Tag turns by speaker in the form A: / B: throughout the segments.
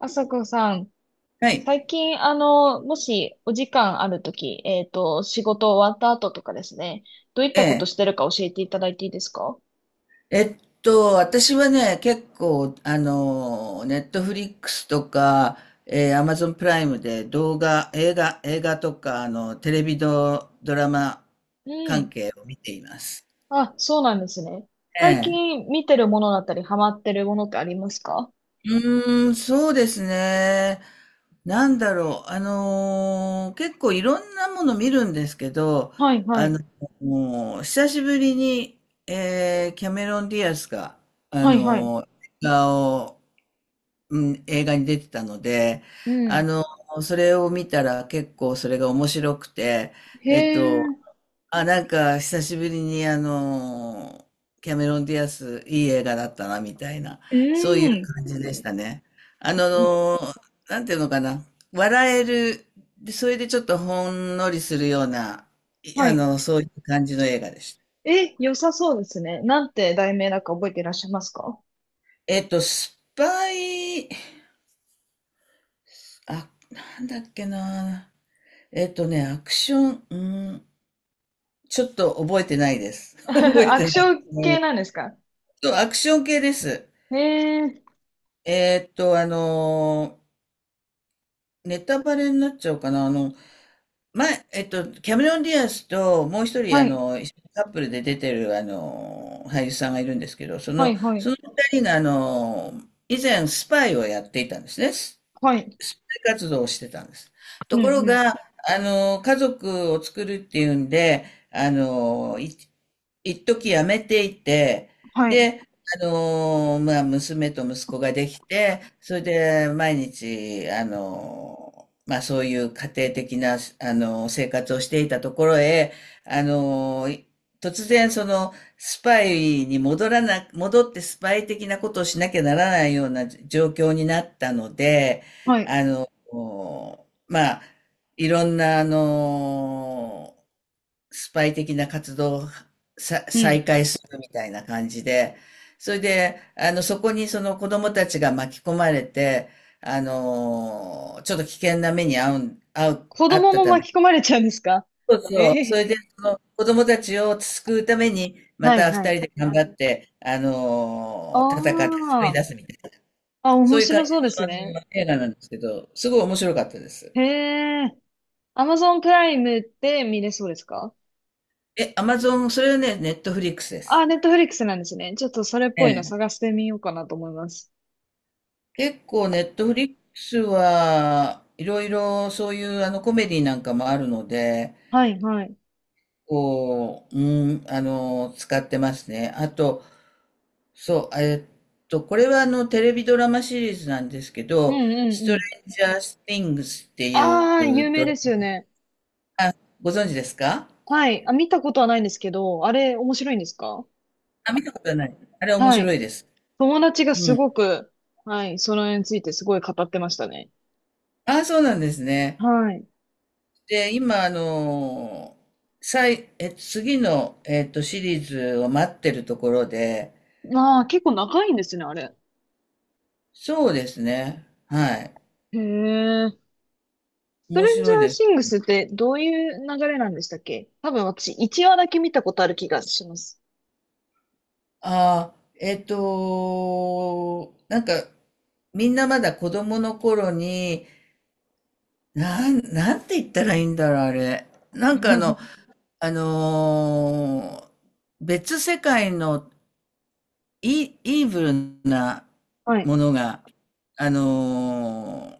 A: あさこさん、
B: はい。
A: 最近、もしお時間あるとき、仕事終わった後とかですね、どういっ
B: え
A: たこと
B: え。
A: してるか教えていただいていいですか？
B: えっ私はね、結構、ネットフリックスとか、アマゾンプライムで動画、映画とか、テレビド、ドラマ
A: う
B: 関
A: ん。
B: 係を見ています。
A: あ、そうなんですね。
B: え
A: 最
B: え。
A: 近見てるものだったり、ハマってるものってありますか？
B: そうですね。なんだろう。結構いろんなもの見るんですけど、
A: はいは
B: あ
A: い。
B: の、もう久しぶりに、キャメロン・ディアスが、あ
A: はいはい。
B: の、映画をうん、映画に出てたので、
A: う
B: あ
A: ん。
B: の、それを見たら結構それが面白くて、
A: へ
B: えっと、
A: え、
B: あ、なんか久しぶりにキャメロン・ディアス、いい映画だったな、みたいな、
A: う
B: そういう
A: ん。
B: 感じでしたね。あの、なんていうのかな、笑える、でそれでちょっとほんのりするような、い
A: は
B: あ
A: い。
B: の、そういう感じの映画でした。
A: え、良さそうですね。なんて題名だか覚えていらっしゃいますか？
B: スパイ、あ、なんだっけな。アクション、ちょっと覚えてないです。覚え
A: ア
B: て
A: ク
B: な
A: シ
B: いで
A: ョ
B: す
A: ン 系
B: ね。
A: なんですか？
B: そう、アクション系です。
A: へえ、
B: えっと、あのネタバレになっちゃうかな。前、キャメロン・ディアスと、もう一人、
A: はい、
B: 一緒にカップルで出てる、俳優さんがいるんですけど、
A: はい、はい、
B: その二人が、以前、スパイをやっていたんですね。
A: はい。
B: スパイ活動をしてたんです。
A: う
B: とこ
A: ん、
B: ろ
A: うん、
B: が、家族を作るっていうんで、あのー、い一時辞めていて、
A: はい。
B: で、まあ、娘と息子ができて、それで毎日、まあ、そういう家庭的な、生活をしていたところへ、あの、突然、スパイに戻らな、戻ってスパイ的なことをしなきゃならないような状況になったので、
A: はい。
B: あの、まあ、いろんな、スパイ的な活動を
A: うん。
B: 再開するみたいな感じで、それで、そこにその子供たちが巻き込まれて、ちょっと危険な目に
A: 子
B: 遭っ
A: 供
B: た
A: も
B: ため、
A: 巻き込まれちゃうんですか？
B: そう
A: え
B: そう、そ
A: え
B: れで、その子供たちを救うために、ま
A: はい、
B: た
A: は
B: 二
A: い。
B: 人で頑張って、
A: あ
B: 戦って救い
A: あ。
B: 出すみたいな、
A: あ、
B: そ
A: 面
B: ういう感じ
A: 白そうで
B: の、
A: すね。
B: 映画なんですけど、すごい面白かったです。
A: へえ。Amazon プライムって見れそうですか？
B: え、アマゾン、それはね、ネットフリックスで
A: あ、
B: す。
A: ネットフリックスなんですね。ちょっとそれっぽいの
B: え
A: 探
B: え、
A: してみようかなと思います。
B: 結構ネットフリックスはいろいろそういうコメディなんかもあるので、
A: はい、はい。
B: うん、使ってますね。あと、そう、これはテレビドラマシリーズなんですけ
A: うん、
B: ど、
A: うん、
B: ス
A: う
B: トレ
A: ん。
B: ンジャースティングスって
A: ああ、
B: いう
A: 有名
B: ドラ
A: です
B: マ、
A: よね。
B: ご存知ですか？
A: はい。あ、見たことはないんですけど、あれ面白いんですか？
B: あ、見たことない。あれ面
A: は
B: 白
A: い。
B: いです。
A: 友達が
B: う
A: す
B: ん。
A: ごく、はい、その絵についてすごい語ってましたね。
B: ああ、そうなんですね。
A: はい。
B: で、今、次の、シリーズを待ってるところで
A: ああ、結構長いんですね、あれ。
B: そうですね。はい。
A: へえ。スト
B: 面
A: レンジャ
B: 白い
A: ー
B: です。
A: シングスってどういう流れなんでしたっけ？多分私、1話だけ見たことある気がします。
B: ああ、なんか、みんなまだ子供の頃に、なんて言ったらいいんだろう、あれ。なんかあのー別世界のイーブルな
A: はい。
B: ものが、あのー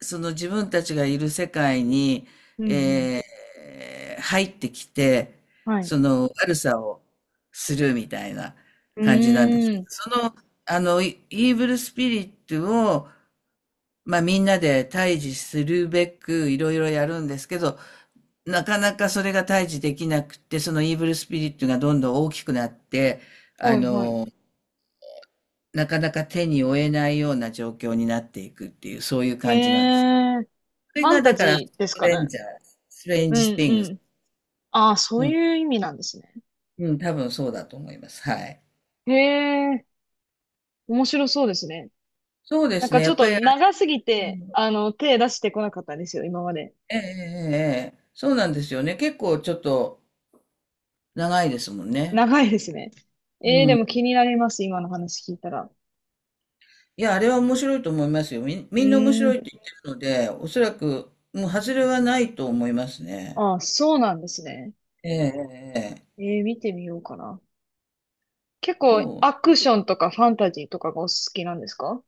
B: その自分たちがいる世界に、
A: うん、うん。
B: えー入ってきて、
A: はい。
B: その悪さをするみたいな
A: う
B: 感じなんですけ
A: ー
B: ど。
A: ん。
B: イーブルスピリットを、まあみんなで対峙するべくいろいろやるんですけど、なかなかそれが対峙できなくて、そのイーブルスピリットがどんどん大きくなって、あ
A: はい、はい。
B: の、なかなか手に負えないような状況になっていくっていう、そういう
A: へ
B: 感じなんです。
A: え。フ
B: それ
A: ァン
B: が
A: タ
B: だから、
A: ジーです
B: ト
A: か
B: レン
A: ね。
B: ジャー、ストレン
A: う
B: ジス
A: ん、
B: ティン
A: う
B: グス。
A: ん。ああ、そ
B: う
A: う
B: ん。
A: いう意味なんですね。
B: うん、多分そうだと思います。はい。
A: へえ。面白そうですね。
B: そうで
A: なん
B: す
A: か
B: ね。
A: ち
B: や
A: ょっ
B: っぱ
A: と
B: りあれ、
A: 長すぎて、手出してこなかったんですよ、今まで。
B: ええええええ、そうなんですよね。結構ちょっと長いですもんね。
A: 長いですね。ええ、
B: う
A: でも
B: ん。
A: 気になります、今の話聞いたら。
B: いや、あれは面白いと思いますよ。
A: う
B: みんな面
A: ー
B: 白いっ
A: ん。
B: て言ってるので、おそらく、もう外れはないと思いますね。
A: あ、そうなんですね。
B: ええええええ、
A: 見てみようかな。結構
B: そ
A: アクションとかファンタジーとかがお好きなんですか？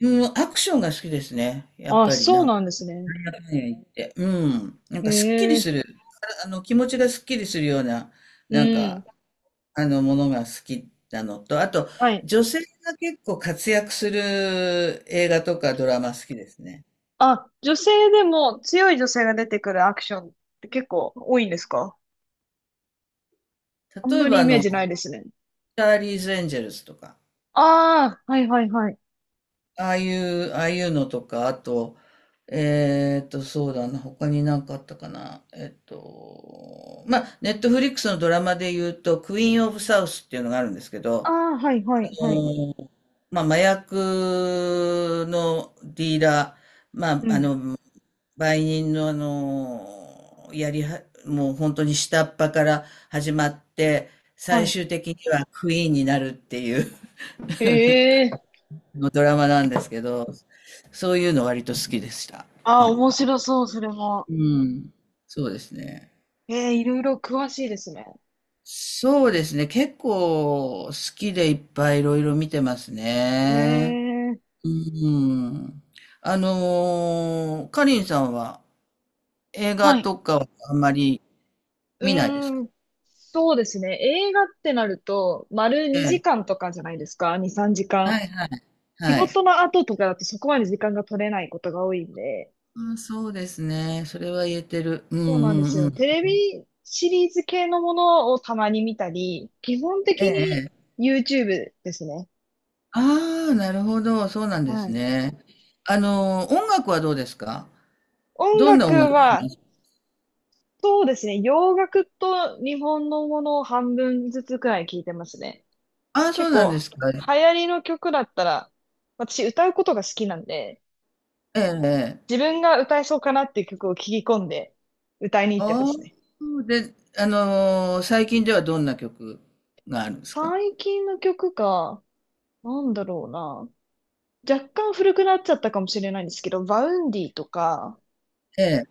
B: う。うん、アクションが好きですね。やっ
A: あ、
B: ぱり
A: そう
B: なん
A: なんですね。
B: ねえって、いや、うん。なん
A: へ
B: かすっきり
A: え、
B: する。気持ちがすっきりするような、
A: う
B: なんか、
A: ん。
B: ものが好きなのと、あと、
A: はい。
B: 女性が結構活躍する映画とかドラマ好きですね。
A: あ、女性でも強い女性が出てくるアクションって結構多いんですか？あん
B: 例え
A: まり
B: ば、
A: イメージ
B: チ
A: ないですね。
B: ャーリーズ・エンジェルスとか、
A: ああ、はいはいはい。
B: ああいうのとか、あと、そうだな、他になんかあったかな。まあ、ネットフリックスのドラマで言うと、クイーン・オブ・サウスっていうのがあるんですけ
A: あ
B: ど、
A: あ、はいはいはい。
B: まあ、麻薬のディーラー、まあ、
A: うん。
B: 売人のやりは、もう本当に下っ端から始まって、最
A: は
B: 終的にはクイーンになるっていう
A: い。へえ。
B: のドラマなんですけど、そういうの割と好きでした。
A: あ
B: な
A: あ、
B: ん
A: 面
B: か。
A: 白そう、それも。
B: うん。そうですね。
A: ええ、いろいろ詳しいですね。
B: そうですね。結構好きでいっぱいいろいろ見てます
A: へ
B: ね。
A: え。
B: うーん。かりんさんは映画
A: はい
B: とかはあんまり
A: う
B: 見ないですか？
A: ーん、そうですね。映画ってなると、丸
B: え
A: 2
B: え。
A: 時間とかじゃないですか。2、3時
B: は
A: 間。
B: いはい。
A: 仕
B: はい。
A: 事の後とかだとそこまで時間が取れないことが多いんで。
B: あ、そうですね。それは言えてる。うん
A: そうなんで
B: う
A: す
B: んう
A: よ。
B: ん。
A: テレビシリーズ系のものをたまに見たり、基本
B: え
A: 的に
B: え。
A: YouTube ですね。
B: ああ、なるほど。そうなんで
A: は
B: す
A: い。
B: ね。音楽はどうですか？
A: 音
B: どんな音
A: 楽
B: 楽
A: は、
B: ですか？
A: そうですね。洋楽と日本のものを半分ずつくらい聞いてますね。
B: ああ、そ
A: 結
B: うなんで
A: 構、
B: すか。え
A: 流行りの曲だったら、私歌うことが好きなんで、
B: え。ええ、
A: 自分が歌えそうかなっていう曲を聞き込んで歌いに行ってま
B: あ
A: すね。
B: あ、で、最近ではどんな曲があるんですか？
A: 最近の曲か、なんだろうな。若干古くなっちゃったかもしれないんですけど、バウンディとか、
B: ええ。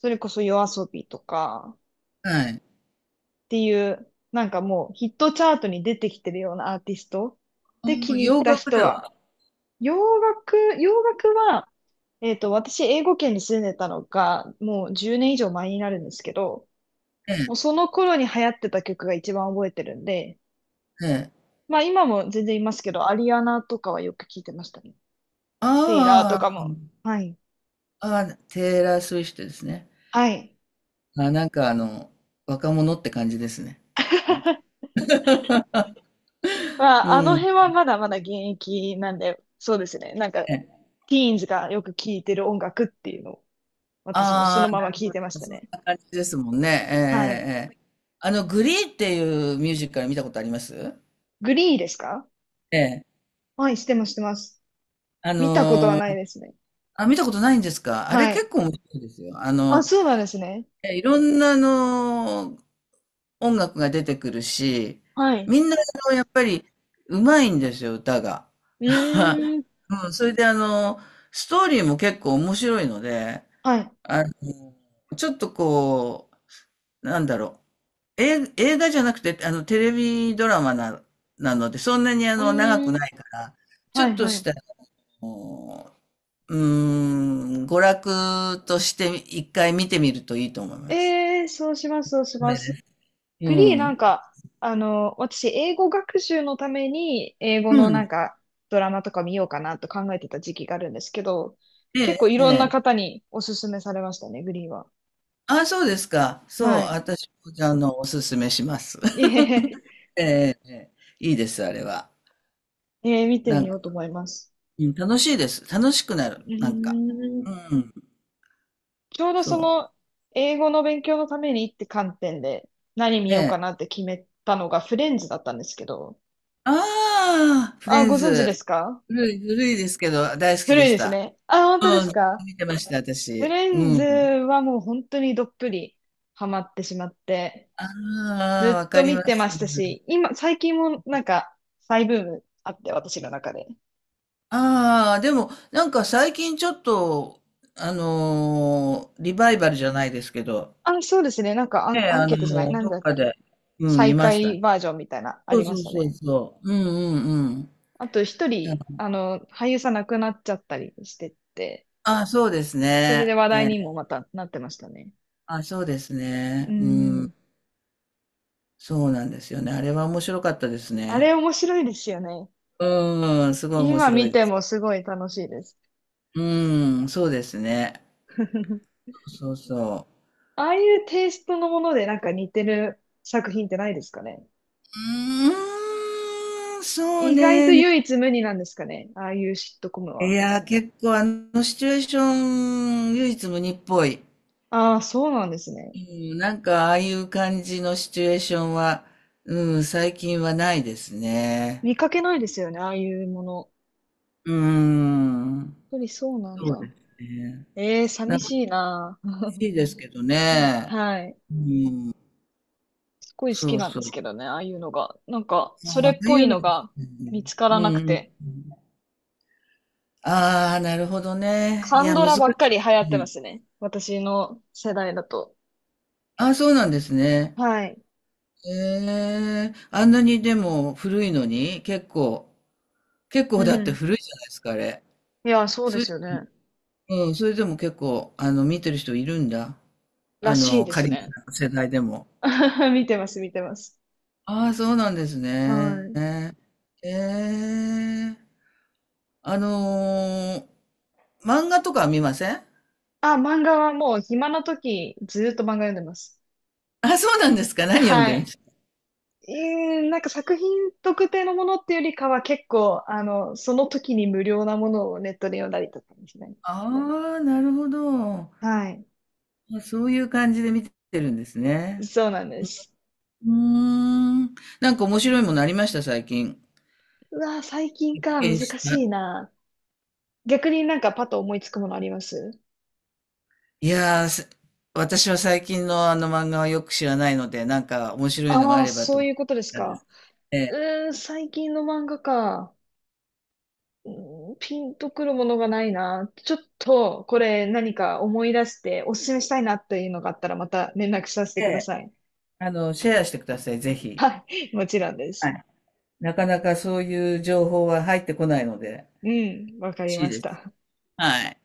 A: それこそヨアソビとか
B: はい。
A: っていう、なんかもうヒットチャートに出てきてるようなアーティスト
B: あ
A: で気に入っ
B: 洋
A: た
B: 楽
A: 人
B: で
A: は、
B: は、
A: 洋楽は、私、英語圏に住んでたのが、もう10年以上前になるんですけど、
B: え
A: もう
B: え、
A: その頃に流行ってた曲が一番覚えてるんで、
B: ええ。
A: まあ今も全然いますけど、アリアナとかはよく聞いてましたね。テイラーとか
B: あ
A: も。はい。
B: あ、ああ、テイラー・スウィフトですね。
A: はい。
B: あ、なんか若者って感じですね。なんか。
A: ま
B: う
A: あ、あの
B: ん。
A: 辺はまだまだ現役なんで、そうですね。なんか、
B: え
A: テ
B: え、
A: ィーンズがよく聴いてる音楽っていうのを、私もそ
B: あ
A: の
B: あ、
A: ま
B: な
A: ま
B: る
A: 聴い
B: ほ
A: てまし
B: ど。
A: た
B: そん
A: ね。
B: な感じですもんね。ええ、
A: はい。
B: ええ。ええ、グリーっていうミュージカル見たことあります？
A: グリーですか？
B: ええ。
A: はい、してます、してます。
B: あ
A: 見たことは
B: の
A: ない
B: ー
A: ですね。
B: あ、見たことないんですか？あれ
A: は
B: 結
A: い。
B: 構面白いですよ。
A: あ、そうなんですね。
B: いろんな音楽が出てくるし、
A: はい。
B: みんなやっぱりうまいんですよ、歌が。
A: う ーん。
B: うん、それでストーリーも結構面白いので、
A: はい。
B: あちょっとなんだろう、映画じゃなくて、テレビドラマなので、そんなに
A: う
B: 長く
A: ーん。
B: ないから、ち
A: は
B: ょっ
A: い、
B: と
A: は
B: し
A: い。
B: た、あの娯楽として一回見てみるといいと思います。
A: ええー、そうします、そうし
B: そ
A: ま
B: れで、
A: す。
B: う
A: グリーな
B: ん。
A: んか、私、英語学習のために、英語
B: う
A: のなん
B: ん。
A: か、ドラマとか見ようかなと考えてた時期があるんですけど、
B: ええ、
A: 結構い
B: え
A: ろんな
B: え。
A: 方におすすめされましたね、グリーは。
B: あ、そうですか。そう、
A: はい。
B: 私も、おすすめします。
A: ええ、
B: ええ、ええ、いいです、あれは。
A: 見て
B: な
A: み
B: ん
A: ようと
B: か、
A: 思います。
B: うん、楽しいです。楽しくなる、
A: う
B: なんか。
A: ーん。
B: うん、
A: ちょうどそ
B: そう。
A: の、英語の勉強のためにって観点で、何見よう
B: え
A: かなって決めたのがフレンズだったんですけど、
B: ああ、フレ
A: あ、
B: ン
A: ご存知で
B: ズ。
A: すか？
B: 古いですけど、大好き
A: 古
B: で
A: い
B: し
A: です
B: た。
A: ね。あ、本
B: う
A: 当で
B: ん、
A: すか？
B: 見てました、
A: フィ
B: 私。
A: レン
B: う
A: ズ
B: ん。
A: はもう本当にどっぷりハマってしまって、
B: ああ、
A: ず
B: わ
A: っと
B: かりま
A: 見てま
B: す。
A: したし、今、最近もなんか再ブームあって、私の中で。
B: ああ、でも、なんか最近ちょっと、リバイバルじゃないですけど、
A: あ、そうですね。なんか
B: ね、
A: アンケートじゃない。なん
B: ど
A: だ
B: っ
A: っ
B: か
A: け。
B: で、うん、見
A: 再
B: ました。
A: 開バージョンみたいな、あ
B: そう
A: りま
B: そ
A: し
B: う
A: た
B: そう
A: ね。
B: そう。うんうんうん。
A: あと一人、俳優さん亡くなっちゃったりしてて、
B: ああ、そうです
A: それで
B: ね。
A: 話題にもまたなってましたね。
B: あ、そうです
A: う
B: ね。うん。
A: ん。
B: そうなんですよね。あれは面白かったです
A: あれ
B: ね。
A: 面白いですよね。
B: うん、すごい面
A: 今
B: 白
A: 見
B: いで
A: て
B: す。
A: もすごい楽しいです。
B: うん、そうですね。そうそう。
A: ああいうテイストのものでなんか似てる作品ってないですかね。
B: うーん、そう
A: 意外と
B: ね。
A: 唯一無二なんですかね。ああいうシットコム
B: い
A: は。
B: や、結構シチュエーション、唯一無二っぽい。
A: ああ、そうなんですね。
B: うん、なんかああいう感じのシチュエーションは、うん、最近はないですね。
A: 見かけないですよね、ああいうもの。
B: うん、
A: やっぱりそうなん
B: そう
A: だ。
B: ですね。
A: ええ、
B: なん
A: 寂
B: か
A: し
B: 欲
A: いな。
B: しいですけど
A: うん
B: ね。
A: はい。
B: うん。
A: すごい好
B: そ
A: き
B: う
A: なん
B: そ
A: です
B: う。
A: けどね、ああいうのが。なんか、
B: あ
A: そ
B: あ、
A: れ
B: あ
A: っ
B: あ
A: ぽ
B: いう
A: い
B: の
A: の
B: です
A: が
B: ね。
A: 見つか
B: う
A: ら
B: んう
A: なく
B: んうん。
A: て。
B: ああ、なるほどね。
A: カ
B: い
A: ン
B: や、
A: ド
B: 難
A: ラ
B: し
A: ばっかり流行
B: い。
A: って
B: う
A: ま
B: ん。
A: すね。私の世代だと。
B: ああ、そうなんですね。
A: はい。
B: へえ。あんなにでも古いのに、結
A: う
B: 構だって
A: ん。
B: 古いじゃないですか、あれ。
A: いや、そう
B: そ
A: で
B: れ、
A: すよね。
B: うん、それでも結構、見てる人いるんだ。
A: らしいです
B: 仮に
A: ね。
B: 世代でも。
A: 見てます、見てます。
B: ああ、そうなんです
A: は
B: ね。
A: い。
B: ええ。あのー漫画とかは見ません？
A: あ、漫画はもう暇な時ずーっと漫画読んでます。
B: あ、そうなんですか。何読ん
A: は
B: でるんで
A: い。
B: すか。
A: なんか作品特定のものっていうよりかは結構、その時に無料なものをネットで読んだりとかですね。
B: ああ、なるほど。
A: はい。
B: あ、そういう感じで見てるんですね。
A: そうなんです。
B: うーん。なんか面白いものありました、最近。
A: うわー、最近
B: 発
A: か、難
B: 見し
A: し
B: た。
A: いな。逆になんかパッと思いつくものあります？
B: いやー、私は最近の漫画はよく知らないので、なんか面白いのが
A: ああ
B: あ
A: ー、
B: れば
A: そ
B: と
A: う
B: 思っ
A: いうことです
B: たんで
A: か。
B: す。ええ、
A: うーん、最近の漫画か。うんピンとくるものがないな。ちょっと、これ何か思い出しておすすめしたいなっていうのがあったらまた連絡させて
B: え
A: くだ
B: え、
A: さい。
B: シェアしてください、ぜひ。
A: もちろんで
B: は
A: す。
B: い。なかなかそういう情報は入ってこないので、
A: うん、わか
B: 欲
A: り
B: しい
A: まし
B: です。
A: た。
B: はい。